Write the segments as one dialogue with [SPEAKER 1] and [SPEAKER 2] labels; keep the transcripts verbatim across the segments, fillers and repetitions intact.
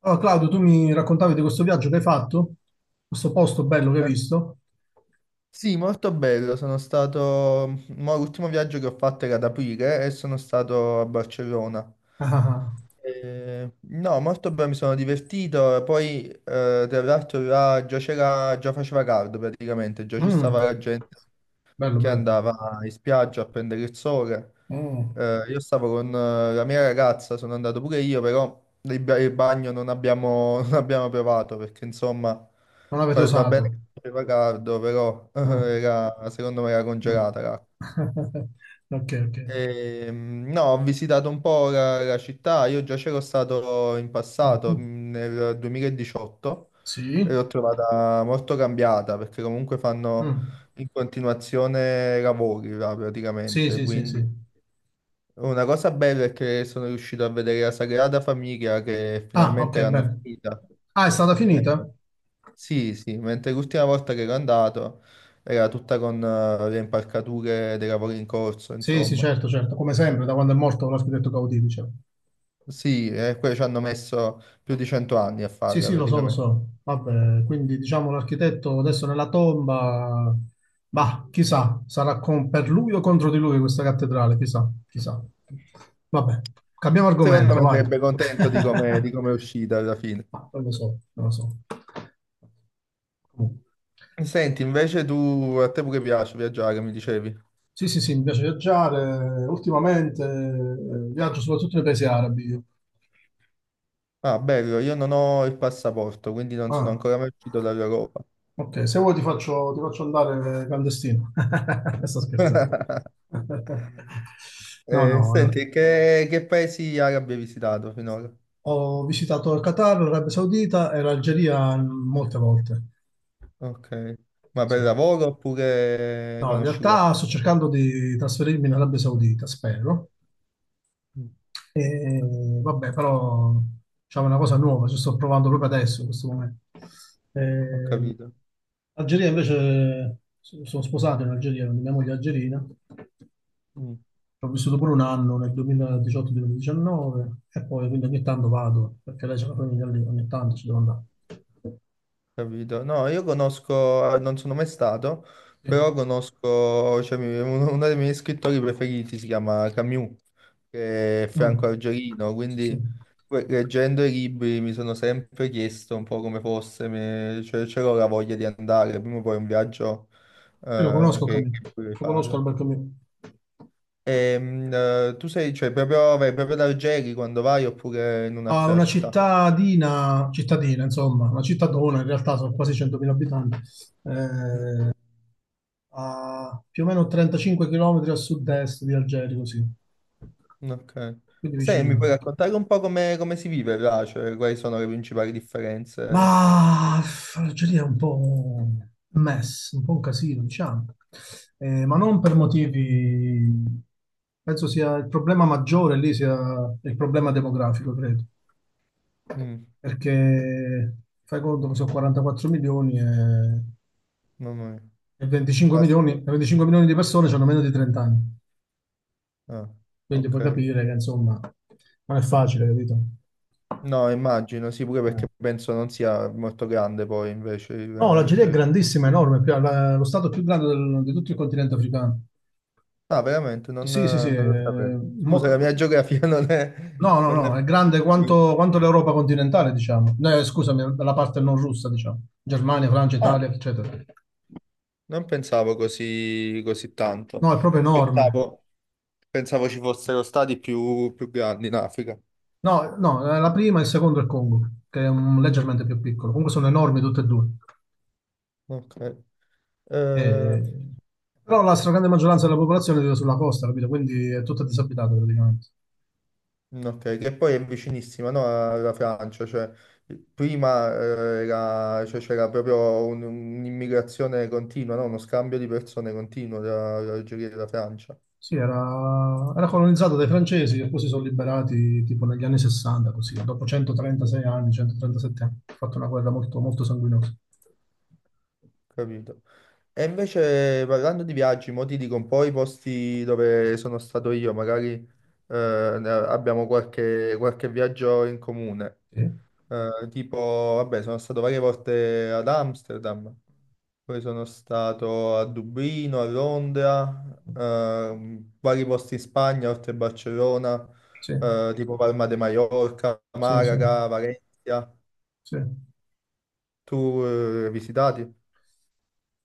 [SPEAKER 1] Allora, Claudio, tu mi raccontavi di questo viaggio che hai fatto, questo posto bello che hai
[SPEAKER 2] Eh,
[SPEAKER 1] visto.
[SPEAKER 2] Sì, molto bello. Sono stato. Mo l'ultimo viaggio che ho fatto era ad aprile e sono stato a Barcellona.
[SPEAKER 1] Ah, ah,
[SPEAKER 2] Eh no, molto bene, mi sono divertito. Poi, eh, tra l'altro, là già c'era, già faceva caldo praticamente, già
[SPEAKER 1] ah.
[SPEAKER 2] ci stava
[SPEAKER 1] Mm,
[SPEAKER 2] la gente
[SPEAKER 1] bello,
[SPEAKER 2] che
[SPEAKER 1] bello.
[SPEAKER 2] andava in spiaggia a prendere il sole.
[SPEAKER 1] Mm,
[SPEAKER 2] Eh, io stavo con eh, la mia ragazza, sono andato pure io, però il, ba- il bagno non abbiamo, non abbiamo provato perché insomma
[SPEAKER 1] non avete
[SPEAKER 2] fa- va bene
[SPEAKER 1] osato.
[SPEAKER 2] che faceva caldo, però
[SPEAKER 1] Ah,
[SPEAKER 2] era, secondo me era
[SPEAKER 1] mm.
[SPEAKER 2] congelata l'acqua.
[SPEAKER 1] Ok, ok.
[SPEAKER 2] Ehm, no, ho visitato un po' la, la città, io già c'ero stato in passato,
[SPEAKER 1] Mm,
[SPEAKER 2] mh, nel duemiladiciotto, e
[SPEAKER 1] sì.
[SPEAKER 2] l'ho trovata molto cambiata perché comunque fanno
[SPEAKER 1] Mm,
[SPEAKER 2] in continuazione lavori là,
[SPEAKER 1] sì,
[SPEAKER 2] praticamente.
[SPEAKER 1] sì, sì,
[SPEAKER 2] Quindi
[SPEAKER 1] sì.
[SPEAKER 2] una cosa bella è che sono riuscito a vedere la Sagrada Famiglia che
[SPEAKER 1] Ah,
[SPEAKER 2] finalmente
[SPEAKER 1] ok,
[SPEAKER 2] l'hanno
[SPEAKER 1] bene.
[SPEAKER 2] finita.
[SPEAKER 1] Ah, è stata
[SPEAKER 2] Eh,
[SPEAKER 1] finita?
[SPEAKER 2] sì, sì, mentre l'ultima volta che ero andato era tutta con eh, le impalcature dei lavori in corso,
[SPEAKER 1] Sì, sì,
[SPEAKER 2] insomma.
[SPEAKER 1] certo, certo. Come sempre, da quando è morto l'architetto Gaudì, diciamo.
[SPEAKER 2] Sì, e poi ci hanno messo più di cento anni a
[SPEAKER 1] Sì,
[SPEAKER 2] farla
[SPEAKER 1] sì, lo so, lo
[SPEAKER 2] praticamente.
[SPEAKER 1] so. Vabbè, quindi diciamo l'architetto adesso nella tomba, bah, chissà, sarà con- per lui o contro di lui questa cattedrale, chissà, chissà. Vabbè, cambiamo
[SPEAKER 2] Secondo
[SPEAKER 1] argomento,
[SPEAKER 2] me
[SPEAKER 1] vai.
[SPEAKER 2] sarebbe contento di come di come è uscita alla fine.
[SPEAKER 1] Ma non lo so, non lo so. Comunque.
[SPEAKER 2] Senti, invece tu, a te pure piace viaggiare, mi dicevi.
[SPEAKER 1] Sì, sì, sì, mi piace viaggiare. Ultimamente eh, viaggio soprattutto nei paesi arabi, io.
[SPEAKER 2] Ah, bello, io non ho il passaporto, quindi non sono
[SPEAKER 1] Ah.
[SPEAKER 2] ancora mai uscito dall'Europa.
[SPEAKER 1] Ok, se vuoi ti faccio, ti faccio andare clandestino. Sto scherzando. No,
[SPEAKER 2] Eh,
[SPEAKER 1] no, no.
[SPEAKER 2] senti, che, che paesi arabi hai visitato finora?
[SPEAKER 1] Ho visitato il Qatar, l'Arabia Saudita e l'Algeria molte volte.
[SPEAKER 2] Ok, ma
[SPEAKER 1] Sì.
[SPEAKER 2] per lavoro oppure
[SPEAKER 1] No, in
[SPEAKER 2] conosci
[SPEAKER 1] realtà
[SPEAKER 2] qualcuno?
[SPEAKER 1] sto cercando di trasferirmi in Arabia Saudita, spero.
[SPEAKER 2] Mm.
[SPEAKER 1] E, vabbè, però diciamo, è una cosa nuova, ci sto provando proprio adesso, in questo momento.
[SPEAKER 2] Ho
[SPEAKER 1] Ehm,
[SPEAKER 2] capito.
[SPEAKER 1] Algeria invece so- sono sposato in Algeria, quindi mia moglie è algerina.
[SPEAKER 2] Mm.
[SPEAKER 1] Ho vissuto pure un anno nel duemiladiciotto-duemiladiciannove e poi quindi ogni tanto vado, perché lei c'è la famiglia lì, ogni tanto ci devo andare.
[SPEAKER 2] Capito? No, io conosco, eh, non sono mai stato,
[SPEAKER 1] Sì,
[SPEAKER 2] però conosco, cioè, mi- uno, uno dei miei scrittori preferiti si chiama Camus, che è
[SPEAKER 1] mm.
[SPEAKER 2] Franco Argerino,
[SPEAKER 1] Sì,
[SPEAKER 2] quindi
[SPEAKER 1] sì.
[SPEAKER 2] que- leggendo i libri mi sono sempre chiesto un po' come fosse, mi- cioè, c'ero la voglia di andare, prima o poi è un viaggio
[SPEAKER 1] Sì, lo
[SPEAKER 2] eh,
[SPEAKER 1] conosco
[SPEAKER 2] che,
[SPEAKER 1] Camillo,
[SPEAKER 2] che vorrei
[SPEAKER 1] lo conosco
[SPEAKER 2] fare.
[SPEAKER 1] Alberto Camillo.
[SPEAKER 2] E, mm, eh, tu sei, cioè, proprio, vai proprio ad Algeri quando vai oppure in
[SPEAKER 1] Ah,
[SPEAKER 2] un'altra
[SPEAKER 1] una
[SPEAKER 2] città?
[SPEAKER 1] cittadina, cittadina, insomma, una cittadona, in realtà sono quasi centomila abitanti,
[SPEAKER 2] Mm.
[SPEAKER 1] eh, a più o meno trentacinque chilometri a sud-est di Algeri, così,
[SPEAKER 2] Ok.
[SPEAKER 1] quindi
[SPEAKER 2] Sai, mi
[SPEAKER 1] vicino.
[SPEAKER 2] puoi raccontare un po' come, come si vive là? Cioè, quali sono le principali differenze?
[SPEAKER 1] Ma l'Algeria è un po' un mess, un po' un casino, diciamo. Eh, ma
[SPEAKER 2] Mm,
[SPEAKER 1] non per motivi. Penso sia il problema maggiore lì sia il problema demografico, credo.
[SPEAKER 2] mm,
[SPEAKER 1] Perché fai conto che sono quarantaquattro milioni e,
[SPEAKER 2] mamma mia.
[SPEAKER 1] e venticinque
[SPEAKER 2] Ah,
[SPEAKER 1] milioni, e
[SPEAKER 2] sì.
[SPEAKER 1] venticinque milioni di persone hanno meno di trenta anni.
[SPEAKER 2] Ah,
[SPEAKER 1] Quindi
[SPEAKER 2] ok.
[SPEAKER 1] puoi capire che, insomma, non è facile, capito?
[SPEAKER 2] No, immagino, sì, pure perché penso non sia molto grande poi invece il,
[SPEAKER 1] No,
[SPEAKER 2] il
[SPEAKER 1] l'Algeria è
[SPEAKER 2] territorio.
[SPEAKER 1] grandissima, enorme, è più- la- lo stato più grande del- di tutto il continente africano.
[SPEAKER 2] Ah, veramente, non,
[SPEAKER 1] Sì, sì, sì.
[SPEAKER 2] non lo sapevo.
[SPEAKER 1] eh,
[SPEAKER 2] Scusa, la
[SPEAKER 1] mo-
[SPEAKER 2] mia geografia non è...
[SPEAKER 1] No, no,
[SPEAKER 2] Non è...
[SPEAKER 1] no, è grande quanto,
[SPEAKER 2] fondamentale.
[SPEAKER 1] quanto l'Europa continentale, diciamo. No, Eh, scusami, la parte non russa, diciamo. Germania, Francia,
[SPEAKER 2] Ah,
[SPEAKER 1] Italia, eccetera.
[SPEAKER 2] non pensavo così, così tanto.
[SPEAKER 1] No, è proprio enorme.
[SPEAKER 2] Pensavo, pensavo ci fossero stati più, più grandi in Africa.
[SPEAKER 1] No, no, eh, la prima e il secondo è il Congo, che è un- leggermente più piccolo. Comunque sono enormi tutte e due.
[SPEAKER 2] Ok. Eh,
[SPEAKER 1] Eh, Però la stragrande maggioranza della popolazione vive sulla costa, capito? Quindi è tutta disabitata praticamente.
[SPEAKER 2] mm, ok, che poi è vicinissima, no, alla Francia, cioè prima eh, era- cioè, c'era proprio un- un'immigrazione continua, no? Uno scambio di persone continuo tra l'Algeria e la Francia,
[SPEAKER 1] Sì, era, era colonizzato dai francesi che poi si sono liberati tipo negli anni sessanta, così, dopo centotrentasei anni, centotrentasette anni. Ha fatto una guerra molto, molto sanguinosa.
[SPEAKER 2] capito? E invece parlando di viaggi, mo ti dico un po' i posti dove sono stato io, magari eh, ne- abbiamo qualche, qualche viaggio in comune.
[SPEAKER 1] Sì,
[SPEAKER 2] Eh, tipo, vabbè, sono stato varie volte ad Amsterdam, poi sono stato a Dublino, a Londra, ehm, vari posti in Spagna, oltre a Barcellona,
[SPEAKER 1] sì,
[SPEAKER 2] eh, tipo Palma de Mallorca,
[SPEAKER 1] sì, sì,
[SPEAKER 2] Malaga, Valencia.
[SPEAKER 1] sì.
[SPEAKER 2] Tu eh, hai visitati?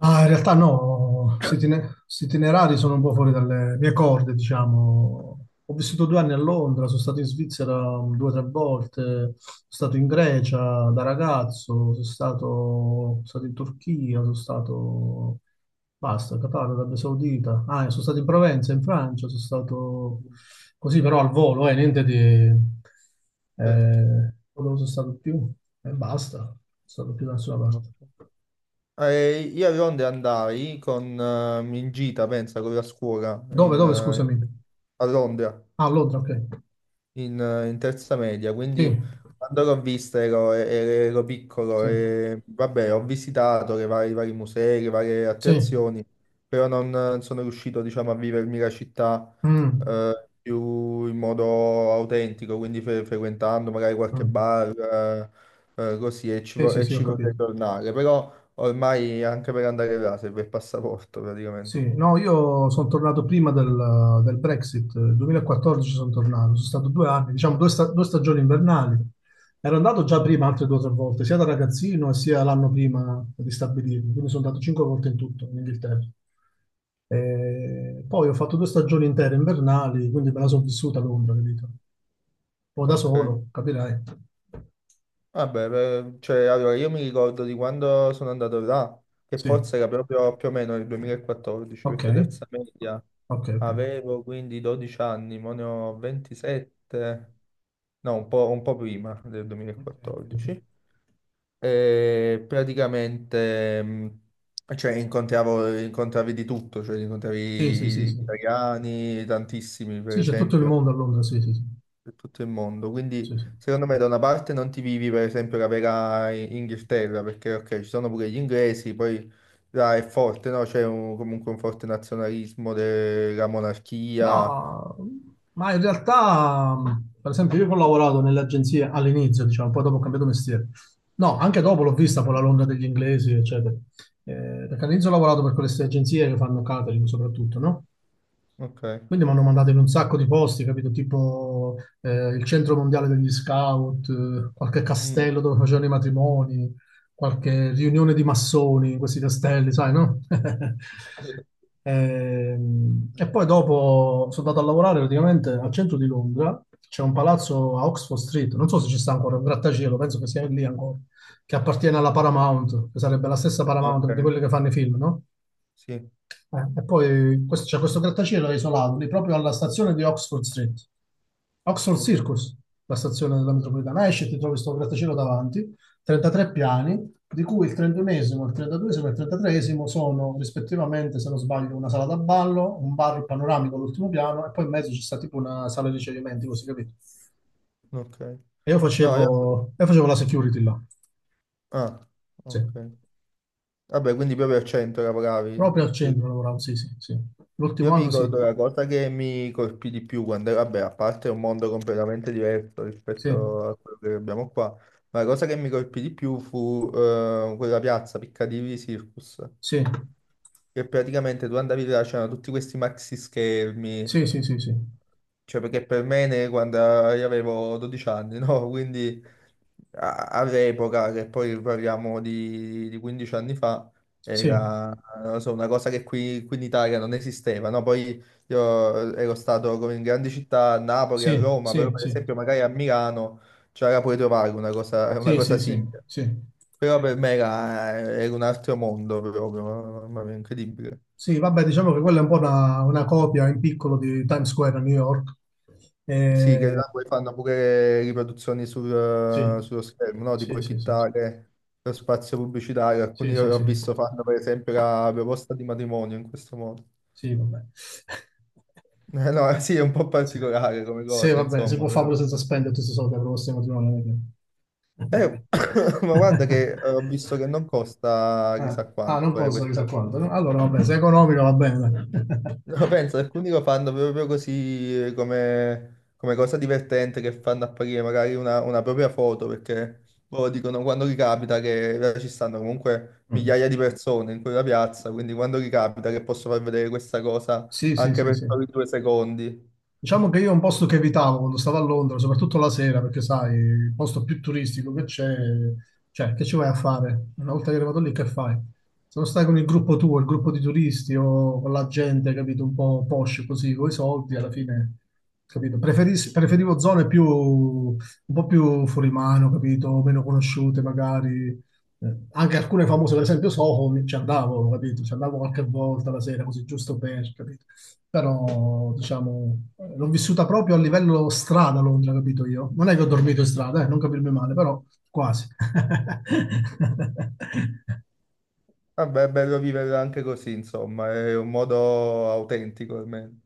[SPEAKER 1] Ah, in realtà no, questi itine- questi itinerari sono un po' fuori dalle mie corde, diciamo. Ho vissuto due anni a Londra, sono stato in Svizzera um, due o tre volte, sono stato in Grecia da ragazzo, sono stato, sono stato in Turchia, sono stato, basta, Qatar, Arabia Saudita, ah, e sono stato in Provenza, in Francia, sono stato così però al volo, eh, niente di.
[SPEAKER 2] Certo.
[SPEAKER 1] Eh, dove sono stato più? E basta, non sono stato più da nessuna
[SPEAKER 2] No.
[SPEAKER 1] parte.
[SPEAKER 2] Eh, io a Londra andai con, eh, in gita, pensa, con la scuola
[SPEAKER 1] Dove,
[SPEAKER 2] in,
[SPEAKER 1] dove, scusami?
[SPEAKER 2] eh, a Londra.
[SPEAKER 1] Ah, a Londra, ok.
[SPEAKER 2] in, In terza media,
[SPEAKER 1] Sì,
[SPEAKER 2] quindi quando l'ho vista ero, ero- ero piccolo
[SPEAKER 1] sì,
[SPEAKER 2] e vabbè, ho visitato le varie- i vari musei, le varie
[SPEAKER 1] sì.
[SPEAKER 2] attrazioni, però non non sono riuscito, diciamo, a vivermi la città
[SPEAKER 1] Mm,
[SPEAKER 2] eh, più in modo autentico, quindi fre- frequentando magari qualche
[SPEAKER 1] mm.
[SPEAKER 2] bar, eh, eh, così, e ci,
[SPEAKER 1] Sì,
[SPEAKER 2] vo-
[SPEAKER 1] sì,
[SPEAKER 2] e
[SPEAKER 1] sì, ho
[SPEAKER 2] ci
[SPEAKER 1] capito.
[SPEAKER 2] vorrei tornare, però ormai anche per andare là serve il passaporto praticamente.
[SPEAKER 1] Sì, no, io sono tornato prima del, del Brexit, nel duemilaquattordici sono tornato, sono stato due anni, diciamo due, sta- due stagioni invernali. Ero andato già prima altre due o tre volte, sia da ragazzino sia l'anno prima di stabilirmi, quindi sono andato cinque volte in tutto in Inghilterra. E poi ho fatto due stagioni intere invernali, quindi me la sono vissuta a Londra, capito? O da solo,
[SPEAKER 2] Ok.
[SPEAKER 1] capirai.
[SPEAKER 2] Vabbè, per- cioè, allora io mi ricordo di quando sono andato là, che
[SPEAKER 1] Sì.
[SPEAKER 2] forse era proprio più o meno il duemilaquattordici,
[SPEAKER 1] Ok,
[SPEAKER 2] perché terza media
[SPEAKER 1] ok, ok.
[SPEAKER 2] avevo quindi dodici anni, mo ne ho ventisette, no, un po', un po' prima del
[SPEAKER 1] Ok, ok, ok.
[SPEAKER 2] duemilaquattordici. E praticamente, mh, cioè, incontravo, incontravi di tutto, cioè,
[SPEAKER 1] Sì, sì, sì,
[SPEAKER 2] incontravi
[SPEAKER 1] sì.
[SPEAKER 2] italiani, tantissimi, per
[SPEAKER 1] Sì, c'è tutto il
[SPEAKER 2] esempio
[SPEAKER 1] mondo a Londra, sì, sì, sì.
[SPEAKER 2] per tutto il mondo. Quindi,
[SPEAKER 1] Sì, sì.
[SPEAKER 2] secondo me, da una parte non ti vivi, per esempio, la vera I- Inghilterra, perché ok, ci sono pure gli inglesi, poi là è forte, no? C'è un- comunque un forte nazionalismo della monarchia.
[SPEAKER 1] No, ma in realtà, mh, per esempio, io che ho lavorato nelle agenzie all'inizio, diciamo, poi dopo ho cambiato mestiere. No, anche dopo l'ho vista poi la Londra degli inglesi, eccetera. Eh, perché all'inizio ho lavorato per queste agenzie che fanno catering soprattutto, no?
[SPEAKER 2] Ok.
[SPEAKER 1] Quindi mi hanno mandato in un sacco di posti, capito? Tipo eh, il centro mondiale degli scout, eh, qualche
[SPEAKER 2] Mm.
[SPEAKER 1] castello dove facevano i matrimoni, qualche riunione di massoni in questi castelli, sai, no?
[SPEAKER 2] Mm.
[SPEAKER 1] Ehm, E, poi dopo sono andato a lavorare praticamente al centro di Londra, c'è un palazzo a Oxford Street, non so se ci sta ancora, un grattacielo, penso che sia lì ancora, che appartiene alla Paramount, che sarebbe la stessa
[SPEAKER 2] Ok,
[SPEAKER 1] Paramount di quelle che fanno i film, no?
[SPEAKER 2] sì,
[SPEAKER 1] Eh, e poi questo, c'è questo grattacielo isolato lì proprio alla stazione di Oxford Street, Oxford
[SPEAKER 2] ok,
[SPEAKER 1] Circus, la stazione della metropolitana. Esci e ti trovi questo grattacielo davanti, trentatré piani, di cui il trentunesimo, il trentaduesimo e il trentatreesimo sono rispettivamente, se non sbaglio, una sala da ballo, un bar panoramico all'ultimo piano e poi in mezzo c'è sta tipo una sala di ricevimenti, così capito?
[SPEAKER 2] ok.
[SPEAKER 1] E io
[SPEAKER 2] No, io...
[SPEAKER 1] facevo, io facevo la security là,
[SPEAKER 2] Ah,
[SPEAKER 1] sì,
[SPEAKER 2] ok. Vabbè, quindi proprio al centro
[SPEAKER 1] proprio al
[SPEAKER 2] lavoravi. Eh,
[SPEAKER 1] centro lavoravo, sì, sì, sì. L'ultimo
[SPEAKER 2] io mi
[SPEAKER 1] anno sì,
[SPEAKER 2] ricordo la cosa che mi colpì di più quando, vabbè, a parte è un mondo completamente diverso
[SPEAKER 1] sì,
[SPEAKER 2] rispetto a quello che abbiamo qua, ma la cosa che mi colpì di più fu eh, quella piazza Piccadilly Circus,
[SPEAKER 1] sì,
[SPEAKER 2] che praticamente tu andavi là, c'erano tutti questi maxi schermi,
[SPEAKER 1] sì, sì, sì, sì.
[SPEAKER 2] cioè, perché per me ne- quando io avevo dodici anni, no? Quindi a- all'epoca, che poi parliamo di, di quindici anni fa,
[SPEAKER 1] Sì,
[SPEAKER 2] era, non so, una cosa che qui, qui in Italia non esisteva, no? Poi io ero stato come in grandi città, a Napoli, a
[SPEAKER 1] sì,
[SPEAKER 2] Roma, però
[SPEAKER 1] sì,
[SPEAKER 2] per
[SPEAKER 1] sì,
[SPEAKER 2] esempio magari a Milano c'era pure trovare una cosa, una
[SPEAKER 1] sì,
[SPEAKER 2] cosa
[SPEAKER 1] sì, sì,
[SPEAKER 2] simile.
[SPEAKER 1] sì.
[SPEAKER 2] Però per me era, era un altro mondo proprio, mamma mia, incredibile.
[SPEAKER 1] Sì, vabbè, diciamo che quella è un po' una, una copia in piccolo di Times Square a New York.
[SPEAKER 2] Sì, che
[SPEAKER 1] Eh,
[SPEAKER 2] là poi fanno pure riproduzioni
[SPEAKER 1] sì,
[SPEAKER 2] sul- sullo schermo, no?
[SPEAKER 1] sì,
[SPEAKER 2] Tipo
[SPEAKER 1] sì, sì,
[SPEAKER 2] fittare lo spazio pubblicitario. Alcuni
[SPEAKER 1] sì,
[SPEAKER 2] che
[SPEAKER 1] sì,
[SPEAKER 2] ho
[SPEAKER 1] sì,
[SPEAKER 2] visto fanno per esempio la proposta di matrimonio in questo modo.
[SPEAKER 1] sì, vabbè.
[SPEAKER 2] Eh no, sì, è un po'
[SPEAKER 1] Sì,
[SPEAKER 2] particolare come
[SPEAKER 1] sì,
[SPEAKER 2] cosa,
[SPEAKER 1] va bene, si
[SPEAKER 2] insomma.
[SPEAKER 1] può fare
[SPEAKER 2] Però.
[SPEAKER 1] pure senza spendere tutti i soldi per questo matrimonio. Non è
[SPEAKER 2] Eh,
[SPEAKER 1] che-
[SPEAKER 2] ma guarda che ho visto che non costa
[SPEAKER 1] Ah,
[SPEAKER 2] chissà
[SPEAKER 1] ah,
[SPEAKER 2] quanto
[SPEAKER 1] non
[SPEAKER 2] fare
[SPEAKER 1] costa
[SPEAKER 2] questa.
[SPEAKER 1] chissà quanto, no? Allora, vabbè, se è economico va bene. Dai.
[SPEAKER 2] No, penso, alcuni lo fanno proprio così eh, come, come cosa divertente, che fanno apparire magari una, una propria foto, perché loro dicono quando ricapita che là ci stanno comunque
[SPEAKER 1] Mm.
[SPEAKER 2] migliaia di persone in quella piazza, quindi quando ricapita che posso far vedere questa cosa
[SPEAKER 1] Sì, sì,
[SPEAKER 2] anche
[SPEAKER 1] sì,
[SPEAKER 2] per
[SPEAKER 1] sì.
[SPEAKER 2] soli due secondi.
[SPEAKER 1] Diciamo che io è un posto che evitavo quando stavo a Londra, soprattutto la sera, perché sai, il posto più turistico che c'è, cioè, che ci vai a fare? Una volta che eri arrivato lì, che fai? Se non stai con il gruppo tuo, il gruppo di turisti o con la gente, capito, un po' posh così, con i soldi, alla fine, capito? Preferis- preferivo zone più, un po' più fuori mano, capito? Meno conosciute magari. Eh, anche alcune famose, per esempio Soho, mi- ci andavo, capito? Ci andavo qualche volta la sera, così giusto per, capito? Però diciamo l'ho vissuta proprio a livello strada a Londra, capito io? Non è che ho dormito in strada, eh, non capirmi male, però quasi.
[SPEAKER 2] Vabbè, è bello viverla anche così, insomma, è un modo autentico almeno.